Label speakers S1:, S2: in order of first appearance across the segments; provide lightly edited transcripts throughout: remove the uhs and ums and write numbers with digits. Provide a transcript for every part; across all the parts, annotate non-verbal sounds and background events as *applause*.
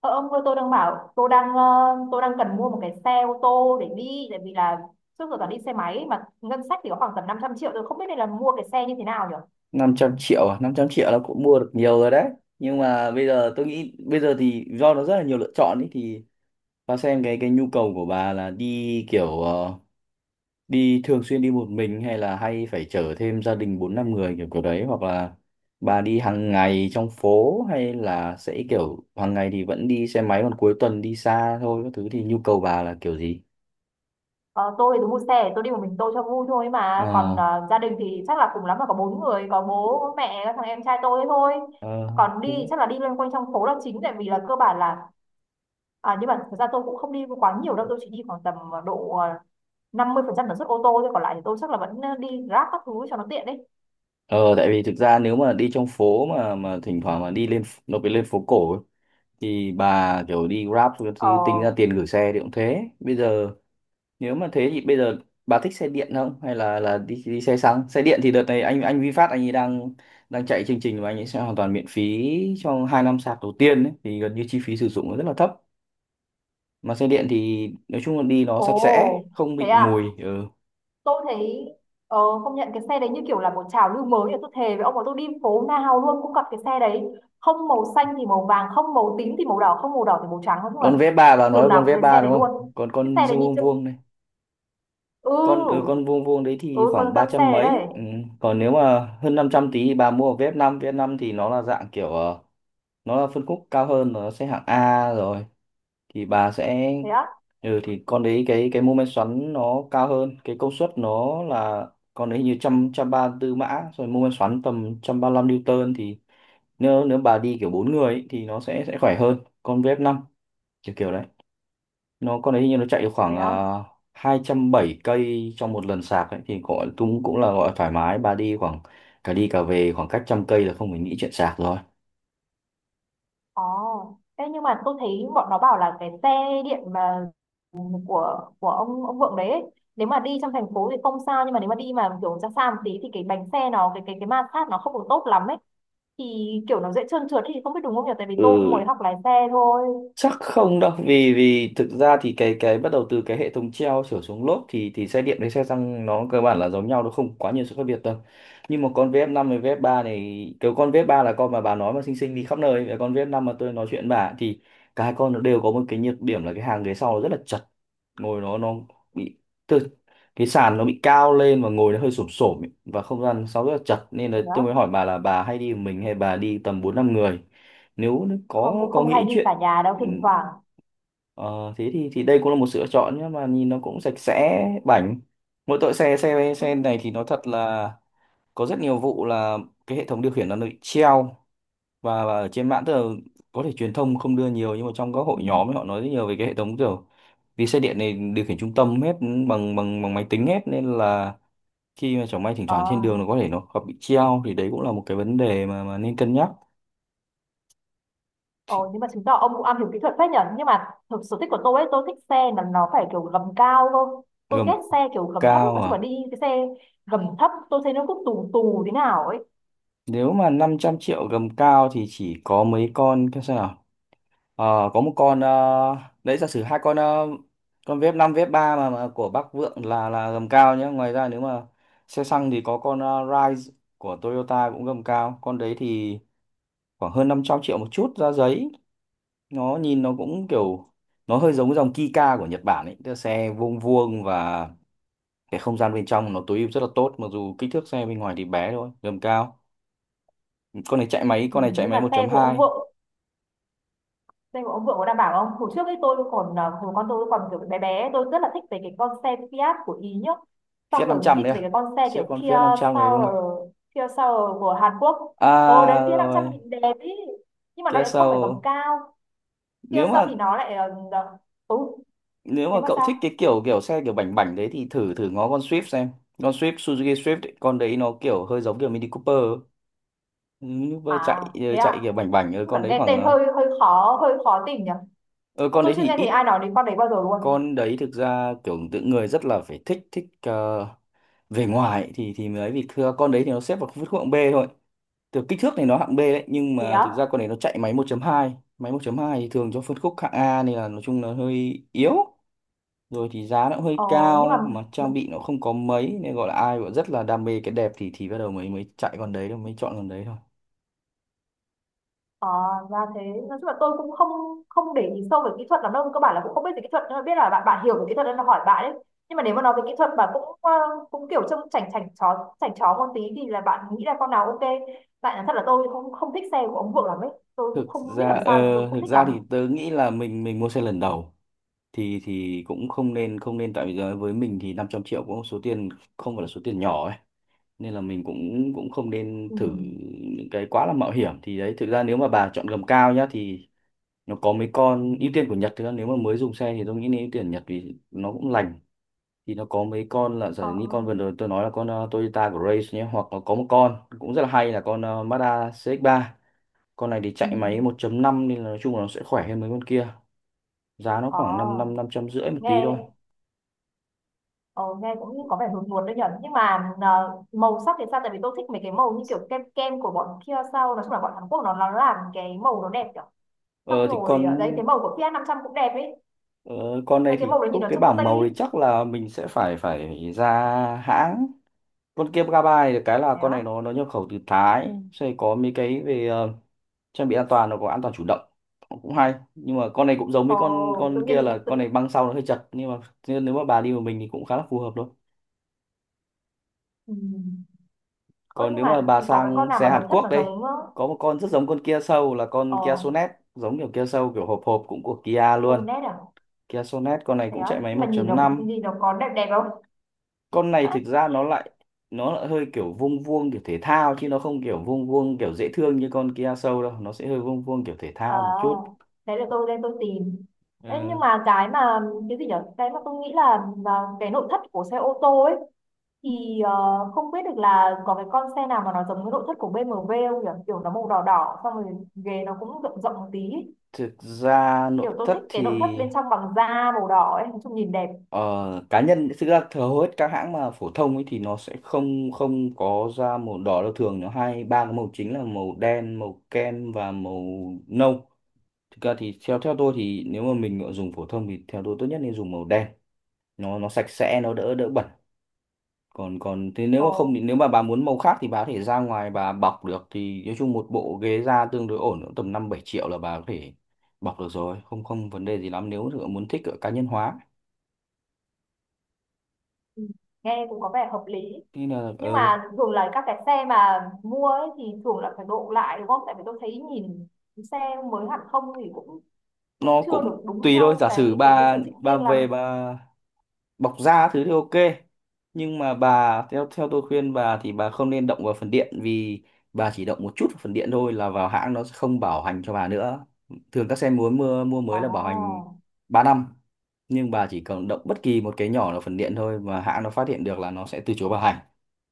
S1: Ờ, ông ơi, tôi đang bảo tôi đang ờ, tôi đang cần mua một cái xe ô tô để đi, tại vì là trước giờ toàn đi xe máy, mà ngân sách thì có khoảng tầm 500 triệu. Tôi không biết nên là mua cái xe như thế nào nhỉ?
S2: Năm trăm triệu à? Năm trăm triệu là cũng mua được nhiều rồi đấy. Nhưng mà bây giờ tôi nghĩ bây giờ thì do nó rất là nhiều lựa chọn ấy, thì bà xem cái nhu cầu của bà là đi kiểu đi thường xuyên, đi một mình hay là hay phải chở thêm gia đình 4 5 người kiểu kiểu đấy, hoặc là bà đi hàng ngày trong phố, hay là sẽ kiểu hàng ngày thì vẫn đi xe máy còn cuối tuần đi xa thôi các thứ, thì nhu cầu bà là kiểu gì?
S1: Ờ, tôi thì tôi mua xe tôi đi một mình tôi cho vui thôi, mà còn
S2: Ờ
S1: gia đình thì chắc là cùng lắm là có 4 người, có bố, có mẹ, có thằng em trai tôi ấy thôi.
S2: ờ
S1: Còn đi
S2: thứ-
S1: chắc là đi loanh quanh trong phố là chính, tại vì là cơ bản là à, nhưng mà thật ra tôi cũng không đi quá nhiều đâu, tôi chỉ đi khoảng tầm độ 50% tần suất ô tô thôi, còn lại thì tôi chắc là vẫn đi Grab các thứ cho nó tiện đấy.
S2: Ờ, tại vì thực ra nếu mà đi trong phố mà thỉnh thoảng mà nó phải lên phố cổ ấy, thì bà kiểu đi Grab thì
S1: Ờ.
S2: tính ra tiền gửi xe thì cũng thế. Bây giờ nếu mà thế thì bây giờ bà thích xe điện không, hay là đi đi xe xăng? Xe điện thì đợt này anh VinFast anh ấy đang đang chạy chương trình mà anh ấy sẽ hoàn toàn miễn phí trong hai năm sạc đầu tiên ấy, thì gần như chi phí sử dụng nó rất là thấp, mà xe điện thì nói chung là đi nó sạch sẽ,
S1: Ồ,
S2: không
S1: thế
S2: bị
S1: à.
S2: mùi. Ừ.
S1: Tôi thấy ờ, công nhận cái xe đấy như kiểu là một trào lưu mới, thì tôi thề với ông mà tôi đi phố nào luôn cũng gặp cái xe đấy. Không màu xanh thì màu vàng, không màu tím thì màu đỏ, không màu đỏ thì màu trắng, nói chung là
S2: Con Vespa, bà nói là
S1: đường nào
S2: con
S1: cũng thấy
S2: Vespa
S1: xe đấy
S2: đúng không,
S1: luôn.
S2: còn
S1: Cái
S2: con
S1: xe đấy nhìn
S2: vuông
S1: chung.
S2: vuông, con
S1: Ừ.
S2: con vuông vuông đấy thì
S1: Ừ.
S2: khoảng
S1: con
S2: ba
S1: con
S2: trăm
S1: xe đấy
S2: mấy.
S1: đây.
S2: Ừ. Còn nếu mà hơn 500 tí thì bà mua ở VF5, vf năm, vê ép năm, thì nó là dạng kiểu nó là phân khúc cao hơn, nó sẽ hạng A rồi, thì bà sẽ
S1: Thế á?
S2: ừ thì con đấy cái mô men xoắn nó cao hơn, cái công suất nó là con đấy hình như trăm trăm ba tư mã rồi, mô men xoắn tầm trăm ba lăm newton. Thì nếu nếu bà đi kiểu bốn người ấy, thì nó sẽ khỏe hơn con vf năm, kiểu kiểu nó, con đấy hình như nó chạy được khoảng
S1: Thế á?
S2: uh, hai trăm bảy cây trong một lần sạc ấy, thì gọi cũng cũng là gọi thoải mái. Bà đi khoảng cả đi cả về khoảng cách trăm cây là không phải nghĩ chuyện sạc rồi.
S1: Ồ, thế nhưng mà tôi thấy bọn nó bảo là cái xe điện mà của ông Vượng đấy ấy, nếu mà đi trong thành phố thì không sao, nhưng mà nếu mà đi mà kiểu ra xa một tí thì cái bánh xe nó, cái ma sát nó không được tốt lắm ấy, thì kiểu nó dễ trơn trượt ấy, thì không biết đúng không nhỉ, tại vì tôi cũng
S2: Ừ,
S1: mới học lái xe thôi.
S2: chắc không đâu, vì vì thực ra thì cái bắt đầu từ cái hệ thống treo trở xuống lốp thì xe điện với xe xăng nó cơ bản là giống nhau, nó không quá nhiều sự khác biệt đâu. Nhưng mà con vf năm với vf ba này, cái con vf ba là con mà bà nói mà xinh xinh đi khắp nơi, và con vf năm mà tôi nói chuyện bà, thì cả hai con nó đều có một cái nhược điểm là cái hàng ghế sau nó rất là chật, ngồi nó bị từ cái sàn nó bị cao lên và ngồi nó hơi xổm xổm ấy, và không gian sau rất là chật, nên là
S1: Thế
S2: tôi mới
S1: đó.
S2: hỏi bà là bà hay đi một mình hay bà đi tầm bốn năm người, nếu
S1: Không, cũng
S2: có
S1: không hay
S2: nghĩ
S1: đi cả
S2: chuyện.
S1: nhà đâu,
S2: Ừ,
S1: thỉnh thoảng.
S2: ờ, thế thì đây cũng là một sự lựa chọn, nhưng mà nhìn nó cũng sạch sẽ bảnh, mỗi tội xe xe xe này thì nó thật là có rất nhiều vụ là cái hệ thống điều khiển nó bị treo, và ở trên mạng tức là có thể truyền thông không đưa nhiều, nhưng mà trong các
S1: Ừ.
S2: hội nhóm ấy, họ nói rất nhiều về cái hệ thống kiểu vì xe điện này điều khiển trung tâm hết, ừ, bằng bằng bằng máy tính hết, nên là khi mà chẳng may thỉnh
S1: Ờ.
S2: thoảng trên đường nó có thể nó gặp bị treo, thì đấy cũng là một cái vấn đề mà nên cân nhắc.
S1: Ồ, nhưng mà chứng tỏ ông cũng am hiểu kỹ thuật phết nhở. Nhưng mà thực sở thích của tôi ấy, tôi thích xe là nó phải kiểu gầm cao cơ. Tôi
S2: Gầm
S1: ghét xe kiểu gầm thấp lắm,
S2: cao
S1: nói chung là
S2: à?
S1: đi cái xe gầm thấp tôi thấy nó cứ tù tù thế nào ấy.
S2: Nếu mà 500 triệu gầm cao thì chỉ có mấy con, cái xem nào. Ờ, có một con đấy, giả sử hai con con vép 5, vép 3 mà của Bắc Vượng là gầm cao nhé. Ngoài ra nếu mà xe xăng thì có con Rise của Toyota cũng gầm cao. Con đấy thì khoảng hơn 500 triệu một chút ra giấy. Nó nhìn nó cũng kiểu nó hơi giống dòng Kika của Nhật Bản ấy, tức là xe vuông vuông, và cái không gian bên trong nó tối ưu rất là tốt mặc dù kích thước xe bên ngoài thì bé thôi, gầm cao.
S1: Ừ,
S2: Con này chạy
S1: nhưng
S2: máy
S1: mà
S2: một
S1: xe
S2: chấm
S1: của ông
S2: hai.
S1: vợ xe của ông vợ có đảm bảo không? Hồi trước ấy hồi con tôi còn kiểu bé bé, tôi rất là thích về cái con xe Fiat của Ý nhá. Xong
S2: Fiat năm
S1: rồi mình
S2: trăm
S1: thích
S2: đấy
S1: về
S2: à?
S1: cái con xe
S2: Chiếc
S1: kiểu
S2: con Fiat 500 này đúng
S1: Soul
S2: không?
S1: Kia Soul của Hàn Quốc. Ồ, đấy
S2: À
S1: Fiat 500
S2: rồi,
S1: nhìn đẹp ý, nhưng mà nó
S2: Kia
S1: lại không phải gầm
S2: Soul.
S1: cao. Kia
S2: nếu
S1: Soul
S2: mà
S1: thì nó lại tối.
S2: Nếu mà
S1: Nếu mà
S2: cậu
S1: sao?
S2: thích cái kiểu kiểu xe kiểu bảnh bảnh đấy thì thử thử ngó con Swift xem, con Swift, Suzuki Swift ấy, con đấy nó kiểu hơi giống kiểu Mini Cooper ấy. Mini Cooper
S1: À,
S2: chạy
S1: thế
S2: chạy
S1: à.
S2: kiểu bảnh bảnh, con
S1: Mà
S2: đấy
S1: nghe
S2: khoảng
S1: tên
S2: ờ,
S1: hơi hơi khó tìm nhỉ.
S2: ờ,
S1: Ờ,
S2: con
S1: tôi
S2: đấy
S1: chưa
S2: thì
S1: nghe thấy
S2: ít.
S1: ai nói đến con đấy bao giờ luôn.
S2: Con đấy thực ra kiểu tự người rất là phải thích thích về ngoài thì mới ấy, vì thưa con đấy thì nó xếp vào phân khúc hạng B thôi. Từ kích thước này nó hạng B đấy, nhưng
S1: Thế
S2: mà
S1: á.
S2: thực ra con này nó chạy máy 1.2, thì thường cho phân khúc hạng A, nên là nói chung là hơi yếu, rồi thì giá nó cũng hơi
S1: ờ, nhưng mà
S2: cao mà trang bị nó không có mấy, nên gọi là ai gọi rất là đam mê cái đẹp thì bắt đầu mới mới chạy con đấy thôi mới chọn con đấy thôi.
S1: ờ, ra thế. Nói chung là tôi cũng không không để ý sâu về kỹ thuật lắm đâu, cơ bản là cũng không biết về kỹ thuật, nhưng mà biết là bạn bạn hiểu về kỹ thuật nên là hỏi bạn đấy. Nhưng mà nếu mà nói về kỹ thuật mà cũng cũng kiểu trông chảnh chảnh chó một tí thì là bạn nghĩ là con nào ok? Tại là thật là tôi không không thích xe của ông Vượng lắm ấy, tôi cũng
S2: Thực
S1: không biết
S2: ra
S1: làm sao tôi không
S2: thực
S1: thích
S2: ra
S1: lắm.
S2: thì tớ nghĩ là mình mua xe lần đầu thì cũng không nên, tại vì giờ với mình thì 500 triệu cũng số tiền, không phải là số tiền nhỏ ấy, nên là mình cũng cũng không nên
S1: Ừ.
S2: thử những cái quá là mạo hiểm. Thì đấy, thực ra nếu mà bà chọn gầm cao nhá thì nó có mấy con ưu tiên của Nhật, thực ra nếu mà mới dùng xe thì tôi nghĩ nên ưu tiên Nhật vì nó cũng lành, thì nó có mấy con là giả
S1: Ờ.
S2: như con vừa rồi tôi nói là con Toyota Grace nhé, hoặc là có một con cũng rất là hay là con Mazda CX-3. Con này thì
S1: Ừ.
S2: chạy máy 1.5, nên là nói chung là nó sẽ khỏe hơn mấy con kia. Giá nó
S1: Ờ,
S2: khoảng 5 năm năm trăm rưỡi một tí thôi.
S1: nghe Ờ, Nghe cũng như có vẻ hướng nguồn đấy nhở, nhưng mà màu sắc thì sao? Tại vì tôi thích mấy cái màu như kiểu kem kem của bọn kia sau, nói chung là bọn Hàn Quốc nó làm cái màu nó đẹp kiểu, xong
S2: Ờ thì
S1: rồi
S2: con
S1: đấy cái màu của Kia trăm cũng đẹp ấy.
S2: Ờ, con này
S1: Mấy cái
S2: thì
S1: màu đấy nhìn
S2: khúc
S1: nó
S2: cái
S1: trông nó
S2: bảng
S1: tây
S2: màu thì
S1: ấy.
S2: chắc là mình sẽ phải phải ra hãng. Con kia Gabby được cái là
S1: Đấy á.
S2: con này nó nhập khẩu từ Thái, sẽ có mấy cái về trang bị an toàn, nó có an toàn chủ động cũng hay, nhưng mà con này cũng giống với
S1: ờ, tự
S2: con kia là
S1: nhiên tự...
S2: con này băng sau nó hơi chật, nhưng mà nên nếu mà bà đi một mình thì cũng khá là phù hợp thôi.
S1: Ừ. Ơ,
S2: Còn
S1: nhưng
S2: nếu mà
S1: mà
S2: bà
S1: có cái con
S2: sang
S1: nào
S2: xe
S1: mà
S2: Hàn
S1: nội thất
S2: Quốc
S1: nó
S2: đây,
S1: giống?
S2: có một con rất giống con Kia Soul là con Kia
S1: Ờ.
S2: Sonet, giống kiểu Kia Soul kiểu hộp hộp, cũng của Kia luôn.
S1: Tonet à?
S2: Kia Sonet, con này
S1: Thế
S2: cũng
S1: á?
S2: chạy máy
S1: Nhưng mà
S2: một
S1: nhìn
S2: chấm
S1: nó
S2: năm.
S1: nhìn nó có đẹp đẹp không?
S2: Con này thực ra nó
S1: *laughs*
S2: lại, nó lại hơi kiểu vuông vuông kiểu thể thao, chứ nó không kiểu vuông vuông kiểu dễ thương như con Kia Soul đâu, nó sẽ hơi vuông vuông kiểu thể
S1: Ờ,
S2: thao một chút.
S1: đấy là tôi lên tôi tìm. Đấy,
S2: Ờ,
S1: nhưng mà cái gì nhở? Cái mà tôi nghĩ là cái nội thất của xe ô tô ấy, thì không biết được là có cái con xe nào mà nó giống cái nội thất của BMW không nhỉ? Kiểu nó màu đỏ đỏ, xong rồi ghế nó cũng rộng rộng một tí ấy.
S2: thực ra nội
S1: Kiểu tôi thích
S2: thất
S1: cái
S2: thì
S1: nội thất bên trong bằng da màu đỏ ấy, nói chung nhìn đẹp.
S2: ờ, cá nhân thực ra thờ hầu hết các hãng mà phổ thông ấy thì nó sẽ không không có ra màu đỏ đâu, thường nó hai ba cái màu chính là màu đen, màu kem và màu nâu. Thực ra thì theo theo tôi thì nếu mà mình dùng phổ thông thì theo tôi tốt nhất nên dùng màu đen, nó sạch sẽ, nó đỡ đỡ bẩn. Còn Còn thế nếu
S1: Ồ.
S2: mà không thì nếu mà bà muốn màu khác thì bà có thể ra ngoài bà bọc được, thì nói chung một bộ ghế da tương đối ổn cũng tầm năm bảy triệu là bà có thể bọc được rồi, không không vấn đề gì lắm nếu mà muốn thích ở cá nhân hóa.
S1: Ừ, nghe cũng có vẻ hợp lý.
S2: Thế là
S1: Nhưng mà thường là các cái xe mà mua ấy thì thường là phải độ lại đúng không? Tại vì tôi thấy nhìn xe mới hẳn không thì cũng cũng
S2: nó
S1: chưa được
S2: cũng
S1: đúng
S2: tùy thôi,
S1: theo
S2: giả sử
S1: cái
S2: bà
S1: sở thích riêng lắm.
S2: về bà bọc da thứ thì ok, nhưng mà bà theo theo tôi khuyên bà thì bà không nên động vào phần điện, vì bà chỉ động một chút vào phần điện thôi là vào hãng nó sẽ không bảo hành cho bà nữa. Thường các xe muốn mua mua mới là bảo hành
S1: À.
S2: 3 năm, nhưng bà chỉ cần động bất kỳ một cái nhỏ là phần điện thôi mà hãng nó phát hiện được là nó sẽ từ chối bảo hành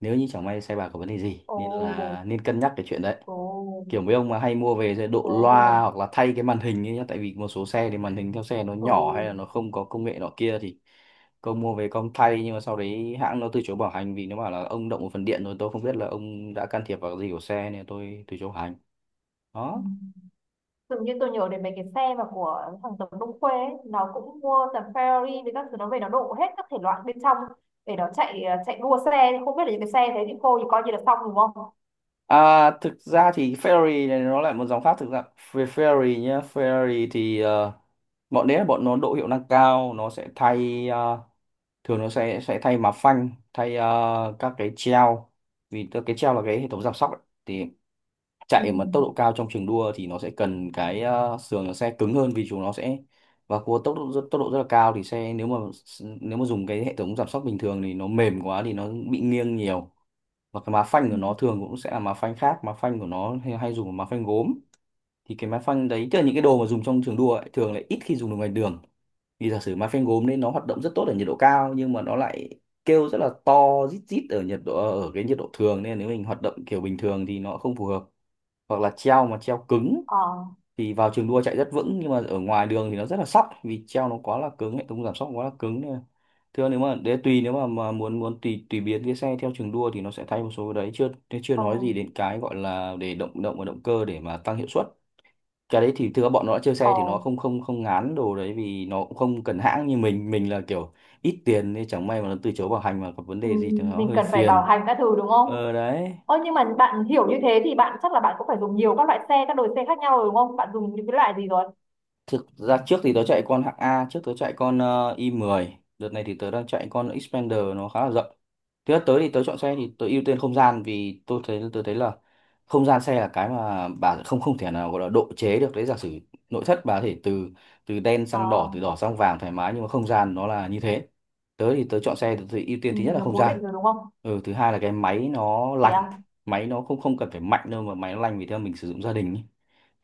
S2: nếu như chẳng may xe bà có vấn đề gì
S1: Ồ.
S2: nên là nên cân nhắc cái chuyện đấy.
S1: Ồ.
S2: Kiểu mấy ông mà hay mua về sẽ độ loa
S1: Ồ.
S2: hoặc là thay cái màn hình ấy nhá, tại vì một số xe thì màn hình theo xe nó
S1: Ừ.
S2: nhỏ hay là nó không có công nghệ nọ kia thì công mua về công thay, nhưng mà sau đấy hãng nó từ chối bảo hành vì nó bảo là ông động một phần điện rồi, tôi không biết là ông đã can thiệp vào cái gì của xe nên tôi từ chối bảo hành.
S1: Ừ.
S2: Đó.
S1: Dường như tôi nhớ đến mấy cái xe mà của thằng Tống Đông Khuê ấy, nó cũng mua tầm Ferrari với các thứ, nó về nó đổ hết các thể loại bên trong để nó chạy đua xe, không biết là những cái xe thế thì cô thì coi như là xong đúng không?
S2: Thực ra thì Ferrari này nó lại một dòng khác thực ra. Ferrari nhá, Ferrari thì bọn đấy là bọn nó độ hiệu năng cao, nó sẽ thay, thường nó sẽ thay má phanh, thay các cái treo. Cái treo là cái hệ thống giảm sóc ấy. Thì
S1: Ừ.
S2: chạy mà tốc độ cao trong trường đua thì nó sẽ cần cái sườn nó sẽ cứng hơn, vì chúng nó sẽ và cua tốc độ rất là cao, thì xe nếu mà nếu mà dùng cái hệ thống giảm sóc bình thường thì nó mềm quá thì nó bị nghiêng nhiều. Và cái má phanh
S1: Ừ.
S2: của nó thường cũng sẽ là má phanh khác, má phanh của nó hay dùng là má phanh gốm. Thì cái má phanh đấy tức là những cái đồ mà dùng trong trường đua ấy, thường lại ít khi dùng được ngoài đường, vì giả sử mà phanh gốm nên nó hoạt động rất tốt ở nhiệt độ cao, nhưng mà nó lại kêu rất là to, rít rít ở nhiệt độ, ở cái nhiệt độ thường, nên nếu mình hoạt động kiểu bình thường thì nó không phù hợp. Hoặc là treo mà treo cứng
S1: Ờ,
S2: thì vào trường đua chạy rất vững nhưng mà ở ngoài đường thì nó rất là sóc, vì treo nó quá là cứng, hệ thống giảm sóc quá là cứng, nên là thưa nếu mà để tùy, nếu mà muốn muốn tùy tùy biến cái xe theo trường đua thì nó sẽ thay một số cái đấy, chưa chưa
S1: ờ,
S2: nói gì đến cái gọi là để động động và động cơ để mà tăng hiệu suất. Cái đấy thì thưa bọn nó đã chơi xe
S1: ờ,
S2: thì nó không không không ngán đồ đấy, vì nó cũng không cần hãng như mình. Mình là kiểu ít tiền nên chẳng may mà nó từ chối bảo hành mà gặp vấn
S1: ừ.
S2: đề gì thì nó
S1: Mình
S2: hơi
S1: cần phải bảo
S2: phiền.
S1: hành các thứ đúng không?
S2: Ờ đấy.
S1: Ơ, nhưng mà bạn hiểu như thế thì bạn chắc là bạn cũng phải dùng nhiều các loại xe, các đồi xe khác nhau rồi đúng không? Bạn dùng những cái loại gì rồi?
S2: Thực ra trước thì tớ chạy con hạng A, trước tớ chạy con i10, đợt này thì tớ đang chạy con Xpander, nó khá là rộng. Thứ nhất tới thì tớ chọn xe thì tớ ưu tiên không gian, vì tôi thấy tớ thấy là không gian xe là cái mà bà không không thể nào gọi là độ chế được đấy. Giả sử nội thất bà có thể từ, từ đen sang đỏ,
S1: À,
S2: từ đỏ sang vàng thoải mái, nhưng mà không gian nó là như thế. Tớ thì tớ chọn xe, tớ thì ưu tiên
S1: ừ,
S2: thứ nhất là
S1: nó
S2: không
S1: cố
S2: gian.
S1: định rồi đúng không?
S2: Ừ, thứ hai là cái máy nó
S1: Thế
S2: lành.
S1: à?
S2: Máy nó không không cần phải mạnh đâu, mà máy nó lành, vì theo mình sử dụng gia đình ý,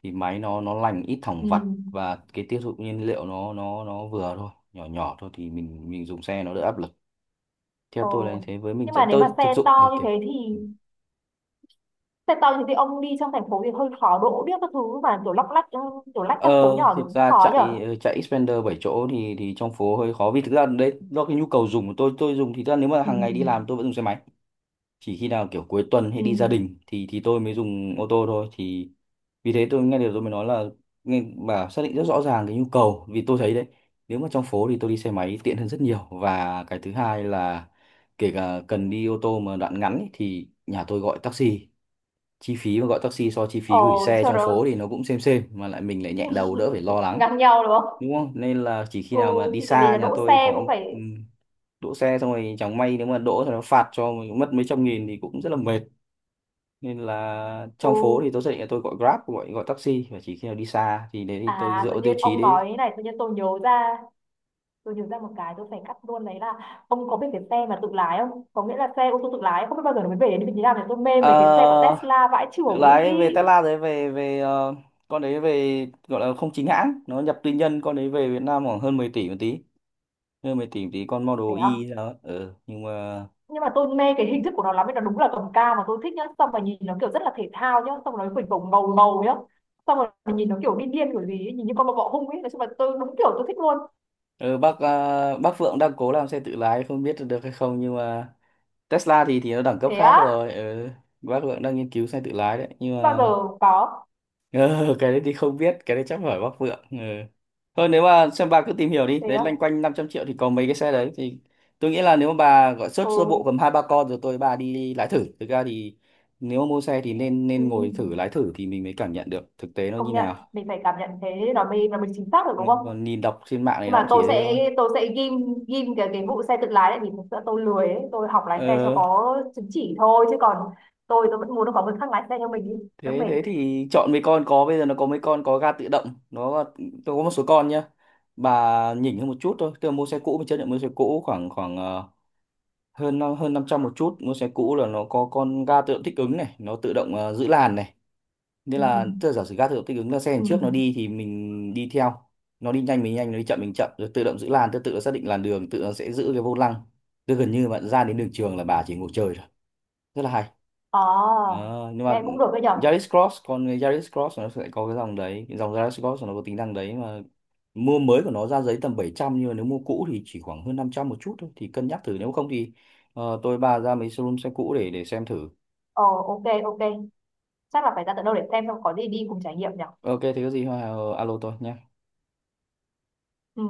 S2: thì máy nó lành, ít thẳng
S1: Ừ.
S2: vặt, và cái tiêu thụ nhiên liệu nó nó vừa thôi, nhỏ nhỏ thôi, thì mình dùng xe nó đỡ áp lực. Theo
S1: Ờ.
S2: tôi là như thế, với mình
S1: Nhưng
S2: sẽ,
S1: mà nếu mà
S2: tôi thực dụng, ừ, kiểu ừ.
S1: xe to như thế ông đi trong thành phố thì hơi khó đỗ biết các thứ, mà kiểu lóc lách, ừ, kiểu lách
S2: ờ,
S1: các phố nhỏ thì
S2: Thực
S1: cũng
S2: ra
S1: khó nhở?
S2: chạy chạy Xpander 7 chỗ thì trong phố hơi khó, vì thực ra đấy do cái nhu cầu dùng của tôi. Tôi dùng thì thực ra nếu mà
S1: Ừ.
S2: hàng ngày đi làm tôi vẫn dùng xe máy, chỉ khi nào kiểu cuối tuần hay
S1: Ừ.
S2: đi gia đình thì tôi mới dùng ô tô thôi. Thì vì thế tôi nghe điều tôi mới nói là nghe bà xác định rất rõ ràng cái nhu cầu, vì tôi thấy đấy, nếu mà trong phố thì tôi đi xe máy tiện hơn rất nhiều. Và cái thứ hai là kể cả cần đi ô tô mà đoạn ngắn ý, thì nhà tôi gọi taxi. Chi phí mà gọi taxi so chi phí
S1: Ờ,
S2: gửi xe
S1: sau
S2: trong phố
S1: đó.
S2: thì nó cũng xem, mà lại mình lại nhẹ đầu, đỡ phải lo
S1: *laughs*
S2: lắng,
S1: Ngang nhau đúng không?
S2: đúng không, nên là chỉ khi
S1: Ừ,
S2: nào mà đi
S1: thì tại vì
S2: xa
S1: là
S2: nhà
S1: đỗ
S2: tôi
S1: xe
S2: có.
S1: cũng phải.
S2: ừm, Đỗ xe xong rồi chẳng may nếu mà đỗ thì nó phạt cho mình mất mấy trăm nghìn thì cũng rất là mệt. Nên là
S1: Ừ.
S2: trong phố thì tôi xác định là tôi gọi Grab, gọi gọi taxi, và chỉ khi nào đi xa thì đấy thì tôi
S1: À,
S2: dựa
S1: tự
S2: vào tiêu
S1: nhiên
S2: chí
S1: ông
S2: đấy.
S1: nói thế này tự nhiên tôi nhớ ra. Tôi nhớ ra một cái tôi phải cắt luôn, đấy là ông có biết cái xe mà tự lái không? Có nghĩa là xe ô tô tự lái, không biết bao giờ nó mới về đến vị trí nào, thì tôi mê
S2: Ờ,
S1: mấy cái xe của Tesla vãi
S2: tự
S1: chưởng ý.
S2: lái về Tesla đấy, về về con đấy về gọi là không chính hãng, nó nhập tư nhân. Con đấy về Việt Nam khoảng hơn 10 tỷ một tí, con
S1: Phải
S2: Model
S1: không?
S2: Y đó. Ừ, nhưng mà
S1: Nhưng mà tôi mê cái hình thức của nó lắm ấy, nó đúng là cầm cao mà tôi thích nhá, xong rồi nhìn nó kiểu rất là thể thao nhá, xong rồi nó phình phồng ngầu ngầu nhá. Xong rồi nhìn nó kiểu điên điên kiểu gì ấy, nhìn như con bọ bọ hung ấy, nói chung là tôi đúng kiểu tôi thích luôn.
S2: ừ, bác bác Phượng đang cố làm xe tự lái không biết được hay không, nhưng mà Tesla thì nó đẳng cấp
S1: Thế
S2: khác
S1: á?
S2: rồi. Ừ, bác Phượng đang nghiên cứu xe tự lái đấy nhưng
S1: Không bao giờ
S2: mà.
S1: có.
S2: Ờ, cái đấy thì không biết, cái đấy chắc phải Bắc Vượng. Ừ. Thôi nếu mà xem bà cứ tìm hiểu đi,
S1: Thế
S2: đấy
S1: á?
S2: loanh quanh 500 triệu thì có mấy cái xe đấy, thì tôi nghĩ là nếu mà bà gọi search sơ bộ
S1: Ừ.
S2: cầm hai ba con rồi tôi bà đi lái thử. Thực ra thì nếu mà mua xe thì nên
S1: Ừ.
S2: nên
S1: Ừ.
S2: ngồi thử lái thử thì mình mới cảm nhận được thực tế nó
S1: Công
S2: như
S1: nhận,
S2: nào.
S1: mình phải cảm nhận thế nó mới chính xác được
S2: Ừ,
S1: đúng không?
S2: còn nhìn đọc trên mạng này
S1: Nhưng
S2: nó
S1: mà
S2: cũng chỉ
S1: tôi
S2: thế
S1: sẽ
S2: thôi.
S1: tôi sẽ ghim ghim cái vụ xe tự lái lại, vì thực sự tôi lười ấy. Tôi học lái xe cho
S2: Ờ,
S1: có chứng chỉ thôi chứ còn tôi vẫn muốn có người khác lái xe cho mình đi đỡ
S2: thế
S1: mệt.
S2: thế thì chọn mấy con có, bây giờ nó có mấy con có ga tự động, nó tôi có một số con nhá. Bà nhỉnh hơn một chút thôi, tôi mua xe cũ, mình chấp nhận mua xe cũ khoảng khoảng hơn hơn 500 một chút mua xe cũ, là nó có con ga tự động thích ứng này, nó tự động giữ làn này. Nên
S1: Ừ.
S2: là tức là giả sử ga tự động thích ứng là xe đằng
S1: Ừ.
S2: trước nó đi thì mình đi theo, nó đi nhanh mình nhanh, nó đi chậm mình chậm, rồi tự động giữ làn, tự tự nó xác định làn đường, tự nó sẽ giữ cái vô lăng. Tức gần như bạn ra đến đường trường là bà chỉ ngồi chơi thôi, rất là hay.
S1: Ờ,
S2: Ờ, nhưng mà
S1: nghe cũng được đấy nhở.
S2: Yaris Cross, còn cái Yaris Cross nó sẽ có cái dòng đấy, cái dòng Yaris Cross nó có tính năng đấy mà. Mua mới của nó ra giấy tầm 700, nhưng mà nếu mua cũ thì chỉ khoảng hơn 500 một chút thôi, thì cân nhắc thử. Nếu không thì tôi bà ra mấy showroom xe cũ để xem thử.
S1: Ờ, ok ok, chắc là phải ra tận đâu để xem xong có gì đi cùng trải nghiệm nhở.
S2: Ok, thế có gì alo tôi nhé.
S1: Ừ.